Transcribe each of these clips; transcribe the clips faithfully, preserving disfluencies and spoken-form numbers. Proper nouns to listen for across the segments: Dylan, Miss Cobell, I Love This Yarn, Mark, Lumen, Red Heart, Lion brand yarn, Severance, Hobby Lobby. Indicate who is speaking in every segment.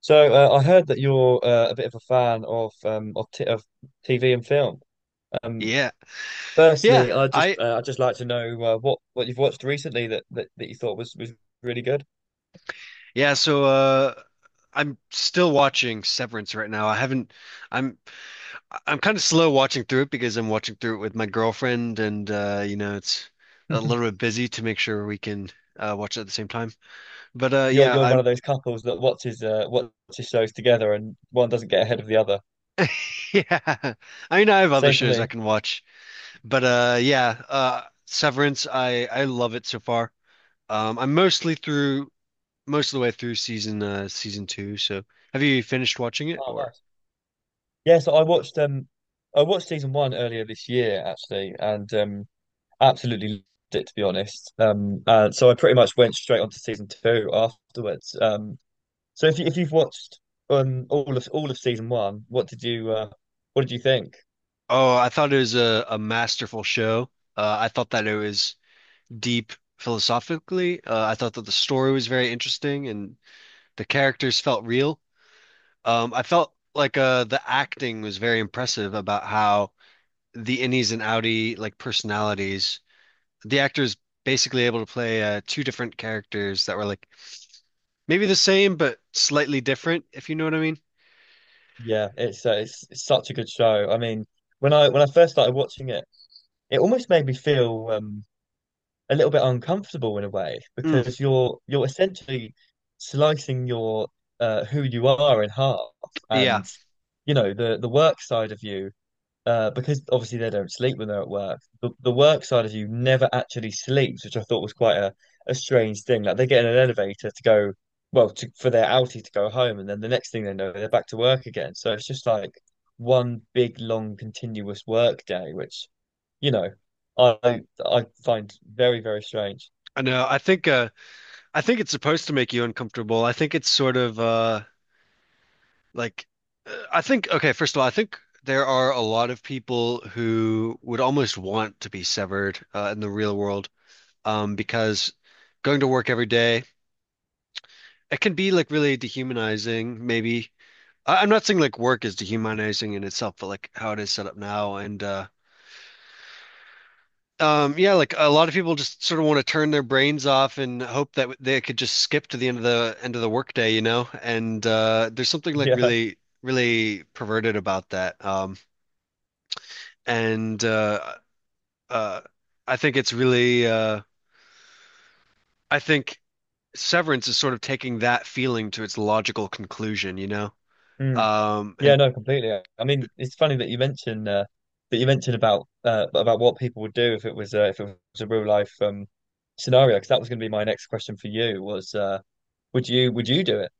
Speaker 1: So uh, I heard that you're uh, a bit of a fan of um of, t of T V and film. Um,
Speaker 2: Yeah. Yeah.
Speaker 1: firstly, I just
Speaker 2: I
Speaker 1: uh, I just like to know uh, what what you've watched recently that, that that you thought was was really good.
Speaker 2: yeah, so uh I'm still watching Severance right now. I haven't I'm I'm kind of slow watching through it because I'm watching through it with my girlfriend and uh you know it's a little bit busy to make sure we can uh watch it at the same time. But uh
Speaker 1: So you're
Speaker 2: yeah,
Speaker 1: you're one
Speaker 2: I'm
Speaker 1: of those couples that watches uh watches shows together and one doesn't get ahead of the other.
Speaker 2: yeah. I mean I have other
Speaker 1: Same for
Speaker 2: shows I
Speaker 1: me.
Speaker 2: can watch. But uh yeah, uh Severance I I love it so far. Um I'm mostly through most of the way through season uh season two. So have you finished watching it
Speaker 1: Oh,
Speaker 2: or?
Speaker 1: nice. Yeah, so I watched um I watched season one earlier this year actually, and um absolutely loved it to be honest. Um, and so I pretty much went straight on to season two afterwards. Um, So if you, if you've watched um all of all of season one, what did you uh, what did you think?
Speaker 2: Oh, I thought it was a, a masterful show. Uh, I thought that it was deep philosophically. Uh, I thought that the story was very interesting and the characters felt real. Um, I felt like uh, the acting was very impressive about how the innies and outie like personalities. The actors basically able to play uh, two different characters that were like maybe the same but slightly different, if you know what I mean.
Speaker 1: Yeah, it's, uh, it's it's such a good show. I mean, when I when I first started watching it, it almost made me feel um a little bit uncomfortable in a way
Speaker 2: Mm,
Speaker 1: because you're you're essentially slicing your uh, who you are in half,
Speaker 2: yeah,
Speaker 1: and you know the the work side of you, uh, because obviously they don't sleep when they're at work. The, the work side of you never actually sleeps, which I thought was quite a, a strange thing. Like they get in an elevator to go, well, to, for their outie to go home, and then the next thing they know, they're back to work again. So it's just like one big, long, continuous work day, which, you know, I I find very, very strange.
Speaker 2: I know. I think uh, I think it's supposed to make you uncomfortable. I think it's sort of uh, Like, uh, I think, okay, first of all, I think there are a lot of people who would almost want to be severed uh, in the real world, um, because going to work every day, it can be like really dehumanizing, maybe. I I'm not saying like work is dehumanizing in itself, but like how it is set up now. And uh, um, yeah, like a lot of people just sort of want to turn their brains off and hope that they could just skip to the end of the end of the workday, you know? And uh, there's something like
Speaker 1: Yeah.
Speaker 2: really, really perverted about that. Um, and uh, uh, I think it's really uh, I think Severance is sort of taking that feeling to its logical conclusion, you know?
Speaker 1: Mm.
Speaker 2: Um, and
Speaker 1: Yeah, no, completely. I mean, it's funny that you mentioned uh, that you mentioned about uh, about what people would do if it was uh, if it was a real life um, scenario. Because that was going to be my next question for you was uh, would you would you do it?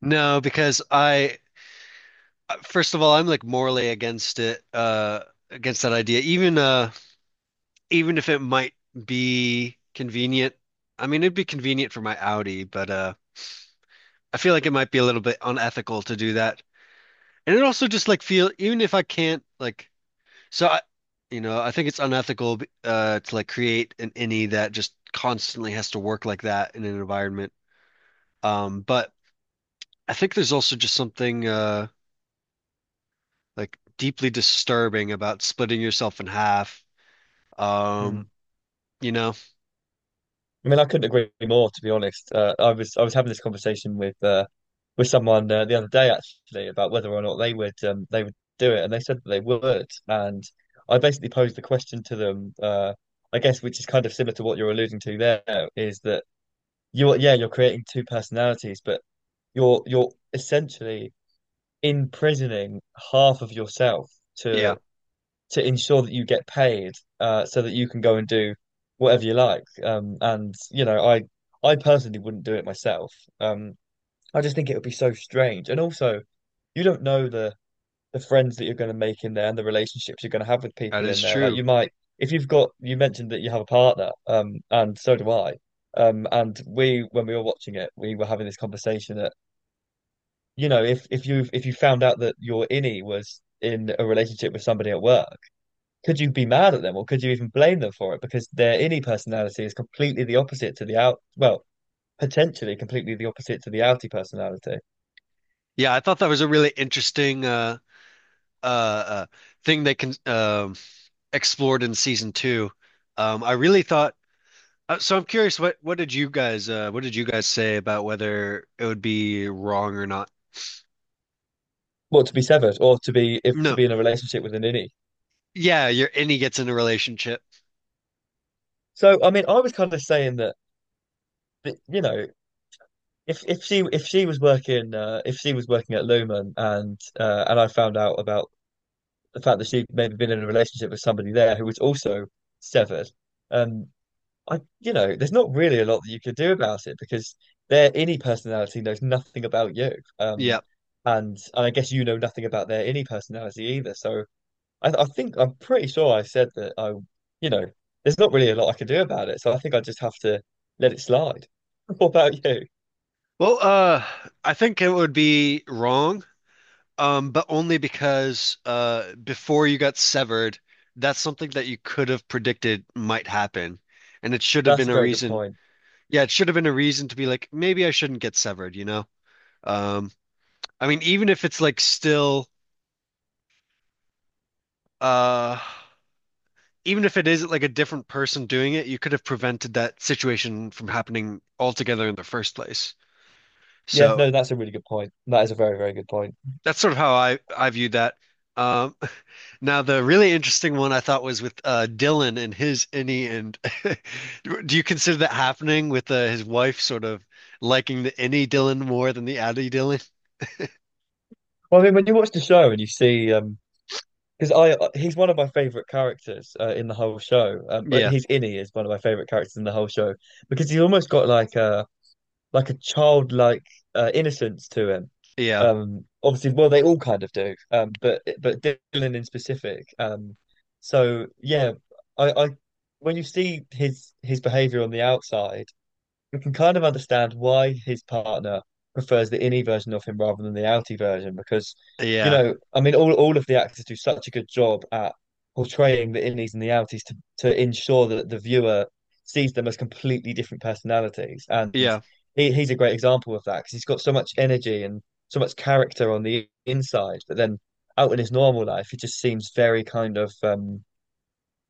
Speaker 2: No, because I first of all I'm like morally against it, uh, against that idea, even uh, even if it might be convenient. I mean, it'd be convenient for my Audi, but uh, I feel like it might be a little bit unethical to do that. And it also just like feel even if I can't like So I, you know, I think it's unethical uh to like create an innie that just constantly has to work like that in an environment. Um, but I think there's also just something uh like deeply disturbing about splitting yourself in half.
Speaker 1: Hmm.
Speaker 2: Um, you know,
Speaker 1: I mean, I couldn't agree more, to be honest. Uh, I was I was having this conversation with uh, with someone uh, the other day actually about whether or not they would um, they would do it, and they said that they would. And I basically posed the question to them, uh, I guess, which is kind of similar to what you're alluding to there, is that you're yeah, you're creating two personalities, but you're you're essentially imprisoning half of yourself
Speaker 2: yeah,
Speaker 1: to to ensure that you get paid, uh, so that you can go and do whatever you like. Um, and you know, I I personally wouldn't do it myself. Um, I just think it would be so strange, and also you don't know the the friends that you're going to make in there and the relationships you're going to have with
Speaker 2: that
Speaker 1: people
Speaker 2: is
Speaker 1: in there. Like
Speaker 2: true.
Speaker 1: you might, if you've got, you mentioned that you have a partner, um, and so do I. Um, and we, when we were watching it, we were having this conversation that, you know, if if you if you found out that your innie was in a relationship with somebody at work, could you be mad at them or could you even blame them for it? Because their innie personality is completely the opposite to the out, well, potentially completely the opposite to the outie personality.
Speaker 2: Yeah, I thought that was a really interesting uh uh, uh thing they can um explored in season two. Um, I really thought Uh, so I'm curious, what what did you guys uh what did you guys say about whether it would be wrong or not?
Speaker 1: Well, to be severed or to be if to
Speaker 2: No.
Speaker 1: be in a relationship with an innie.
Speaker 2: Yeah, you're and he gets in a relationship.
Speaker 1: So, I mean, I was kind of saying that, but you know, if if she if she was working uh, if she was working at Lumen and uh, and I found out about the fact that she'd maybe been in a relationship with somebody there who was also severed, um, I you know, there's not really a lot that you could do about it because their innie personality knows nothing about you, um,
Speaker 2: Yeah.
Speaker 1: and and I guess you know nothing about their innie personality either. So I I think I'm pretty sure I said that I you know, there's not really a lot I can do about it, so I think I just have to let it slide. What about you?
Speaker 2: Well, uh I think it would be wrong, um, but only because uh before you got severed, that's something that you could have predicted might happen. And it should have been
Speaker 1: That's a
Speaker 2: a
Speaker 1: very good
Speaker 2: reason.
Speaker 1: point.
Speaker 2: Yeah, it should have been a reason to be like, maybe I shouldn't get severed, you know? Um, I mean, even if it's like still uh even if it is like a different person doing it, you could have prevented that situation from happening altogether in the first place.
Speaker 1: Yeah,
Speaker 2: So
Speaker 1: no, that's a really good point. That is a very, very good point.
Speaker 2: that's sort of how I I viewed that. Um, now the really interesting one I thought was with uh, Dylan and his innie, and do you consider that happening with uh, his wife sort of liking the innie Dylan more than the Addy Dylan?
Speaker 1: Well, I mean, when you watch the show and you see, um, because I uh, he's one of my favorite characters uh, in the whole show. Um, but
Speaker 2: Yeah,
Speaker 1: he's innie is one of my favorite characters in the whole show because he's almost got like a like a childlike uh, innocence to him.
Speaker 2: yeah,
Speaker 1: Um, obviously, well, they all kind of do. Um, but but Dylan in specific. Um, so yeah, I I when you see his his behavior on the outside, we can kind of understand why his partner prefers the innie version of him rather than the outie version because, you
Speaker 2: yeah,
Speaker 1: know, I mean, all, all of the actors do such a good job at portraying the innies and the outies to, to ensure that the viewer sees them as completely different personalities. And
Speaker 2: yeah,
Speaker 1: he, he's a great example of that because he's got so much energy and so much character on the inside, but then out in his normal life, he just seems very kind of um,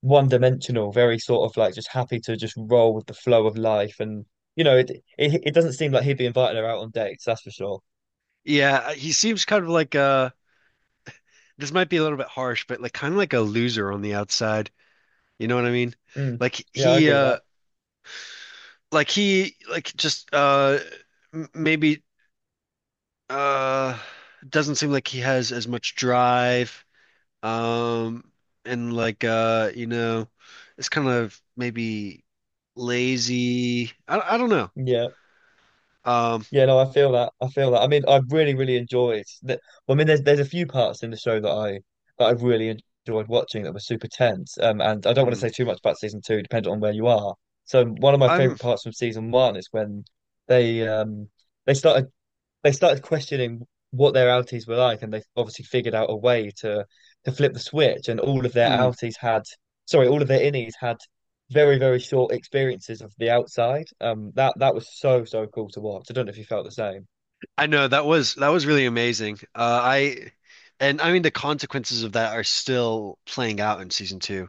Speaker 1: one dimensional, very sort of like just happy to just roll with the flow of life. And you know, it it, it doesn't seem like he'd be inviting her out on dates, that's for sure.
Speaker 2: yeah. He seems kind of like uh, this might be a little bit harsh, but like kind of like a loser on the outside. You know what I mean?
Speaker 1: Mm.
Speaker 2: Like
Speaker 1: Yeah, I
Speaker 2: he
Speaker 1: agree with
Speaker 2: uh
Speaker 1: that.
Speaker 2: like he like just uh m- maybe uh doesn't seem like he has as much drive, um and like uh you know, it's kind of maybe lazy. I I don't know.
Speaker 1: Yeah.
Speaker 2: Um
Speaker 1: Yeah, no, I feel that. I feel that. I mean, I really, really enjoyed that. Well, I mean, there's there's a few parts in the show that I that I've really enjoyed watching that were super tense. Um, and I don't want to
Speaker 2: mm,
Speaker 1: say too much about season two, depending on where you are. So one of my
Speaker 2: I'm
Speaker 1: favorite parts from season one is when they um they start they started questioning what their outies were like, and they obviously figured out a way to to flip the switch. And all of their
Speaker 2: mm,
Speaker 1: outies had, sorry, all of their innies had very, very short experiences of the outside. Um, that that was so so cool to watch. I don't know if you felt the same.
Speaker 2: I know that was that was really amazing. Uh I and I mean the consequences of that are still playing out in season two.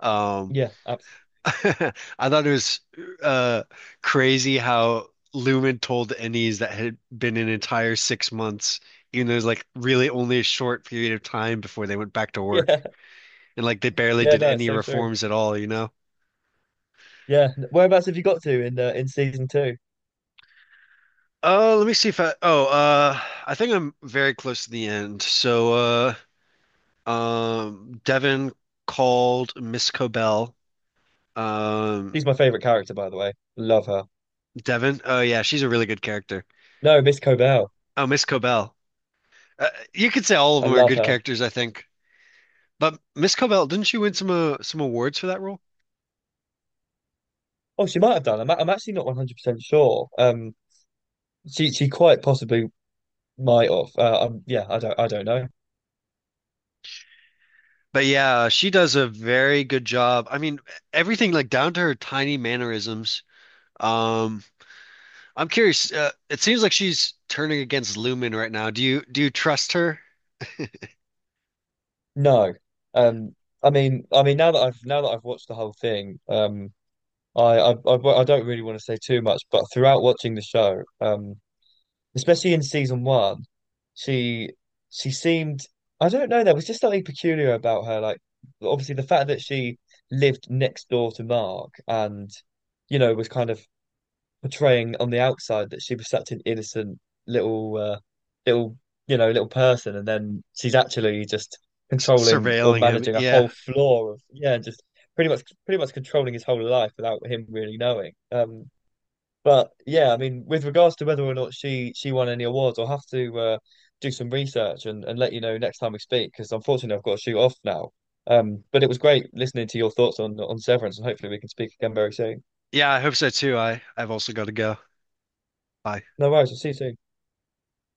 Speaker 2: Um,
Speaker 1: Yeah, absolutely.
Speaker 2: I thought it was uh, crazy how Lumen told Ennis that had been an entire six months, even though it was like really only a short period of time before they went back to work.
Speaker 1: Yeah,
Speaker 2: And like they barely
Speaker 1: yeah.
Speaker 2: did
Speaker 1: No, it's
Speaker 2: any
Speaker 1: so true.
Speaker 2: reforms at all, you know?
Speaker 1: Yeah. Whereabouts have you got to in uh, in season two?
Speaker 2: Oh, let me see if I. Oh, uh, I think I'm very close to the end. So, uh, um, Devin called Miss Cobell. Um,
Speaker 1: She's my favorite character, by the way. Love her.
Speaker 2: Devin. Oh yeah, she's a really good character.
Speaker 1: No, Miss Cobell.
Speaker 2: Oh, Miss Cobell. Uh, you could say all of
Speaker 1: I
Speaker 2: them are
Speaker 1: love
Speaker 2: good
Speaker 1: her.
Speaker 2: characters, I think. But Miss Cobell, didn't she win some uh, some awards for that role?
Speaker 1: Oh, she might have done. I'm, I'm actually not one hundred percent sure. Um, she she quite possibly might off, Uh, um, yeah, I don't, I don't know.
Speaker 2: But yeah, she does a very good job. I mean, everything like down to her tiny mannerisms. Um, I'm curious. Uh, it seems like she's turning against Lumen right now. Do you do you trust her?
Speaker 1: No. Um, I mean. I mean, Now that I've now that I've watched the whole thing. Um. I. I. I, well, I don't really want to say too much, but throughout watching the show, um, especially in season one, she she seemed. I don't know. There was just something peculiar about her. Like, obviously, the fact that she lived next door to Mark and, you know, was kind of portraying on the outside that she was such an innocent little uh, little you know, little person, and then she's actually just
Speaker 2: S
Speaker 1: controlling or
Speaker 2: Surveilling him?
Speaker 1: managing a
Speaker 2: Yeah,
Speaker 1: whole floor of, yeah, just pretty much pretty much controlling his whole life without him really knowing. Um, but yeah, I mean, with regards to whether or not she she won any awards, I'll have to uh, do some research, and, and let you know next time we speak, because unfortunately I've got to shoot off now. Um, but it was great listening to your thoughts on on Severance, and hopefully we can speak again very soon.
Speaker 2: yeah. I hope so too. I I've also got to go. Bye.
Speaker 1: No worries, I'll see you soon.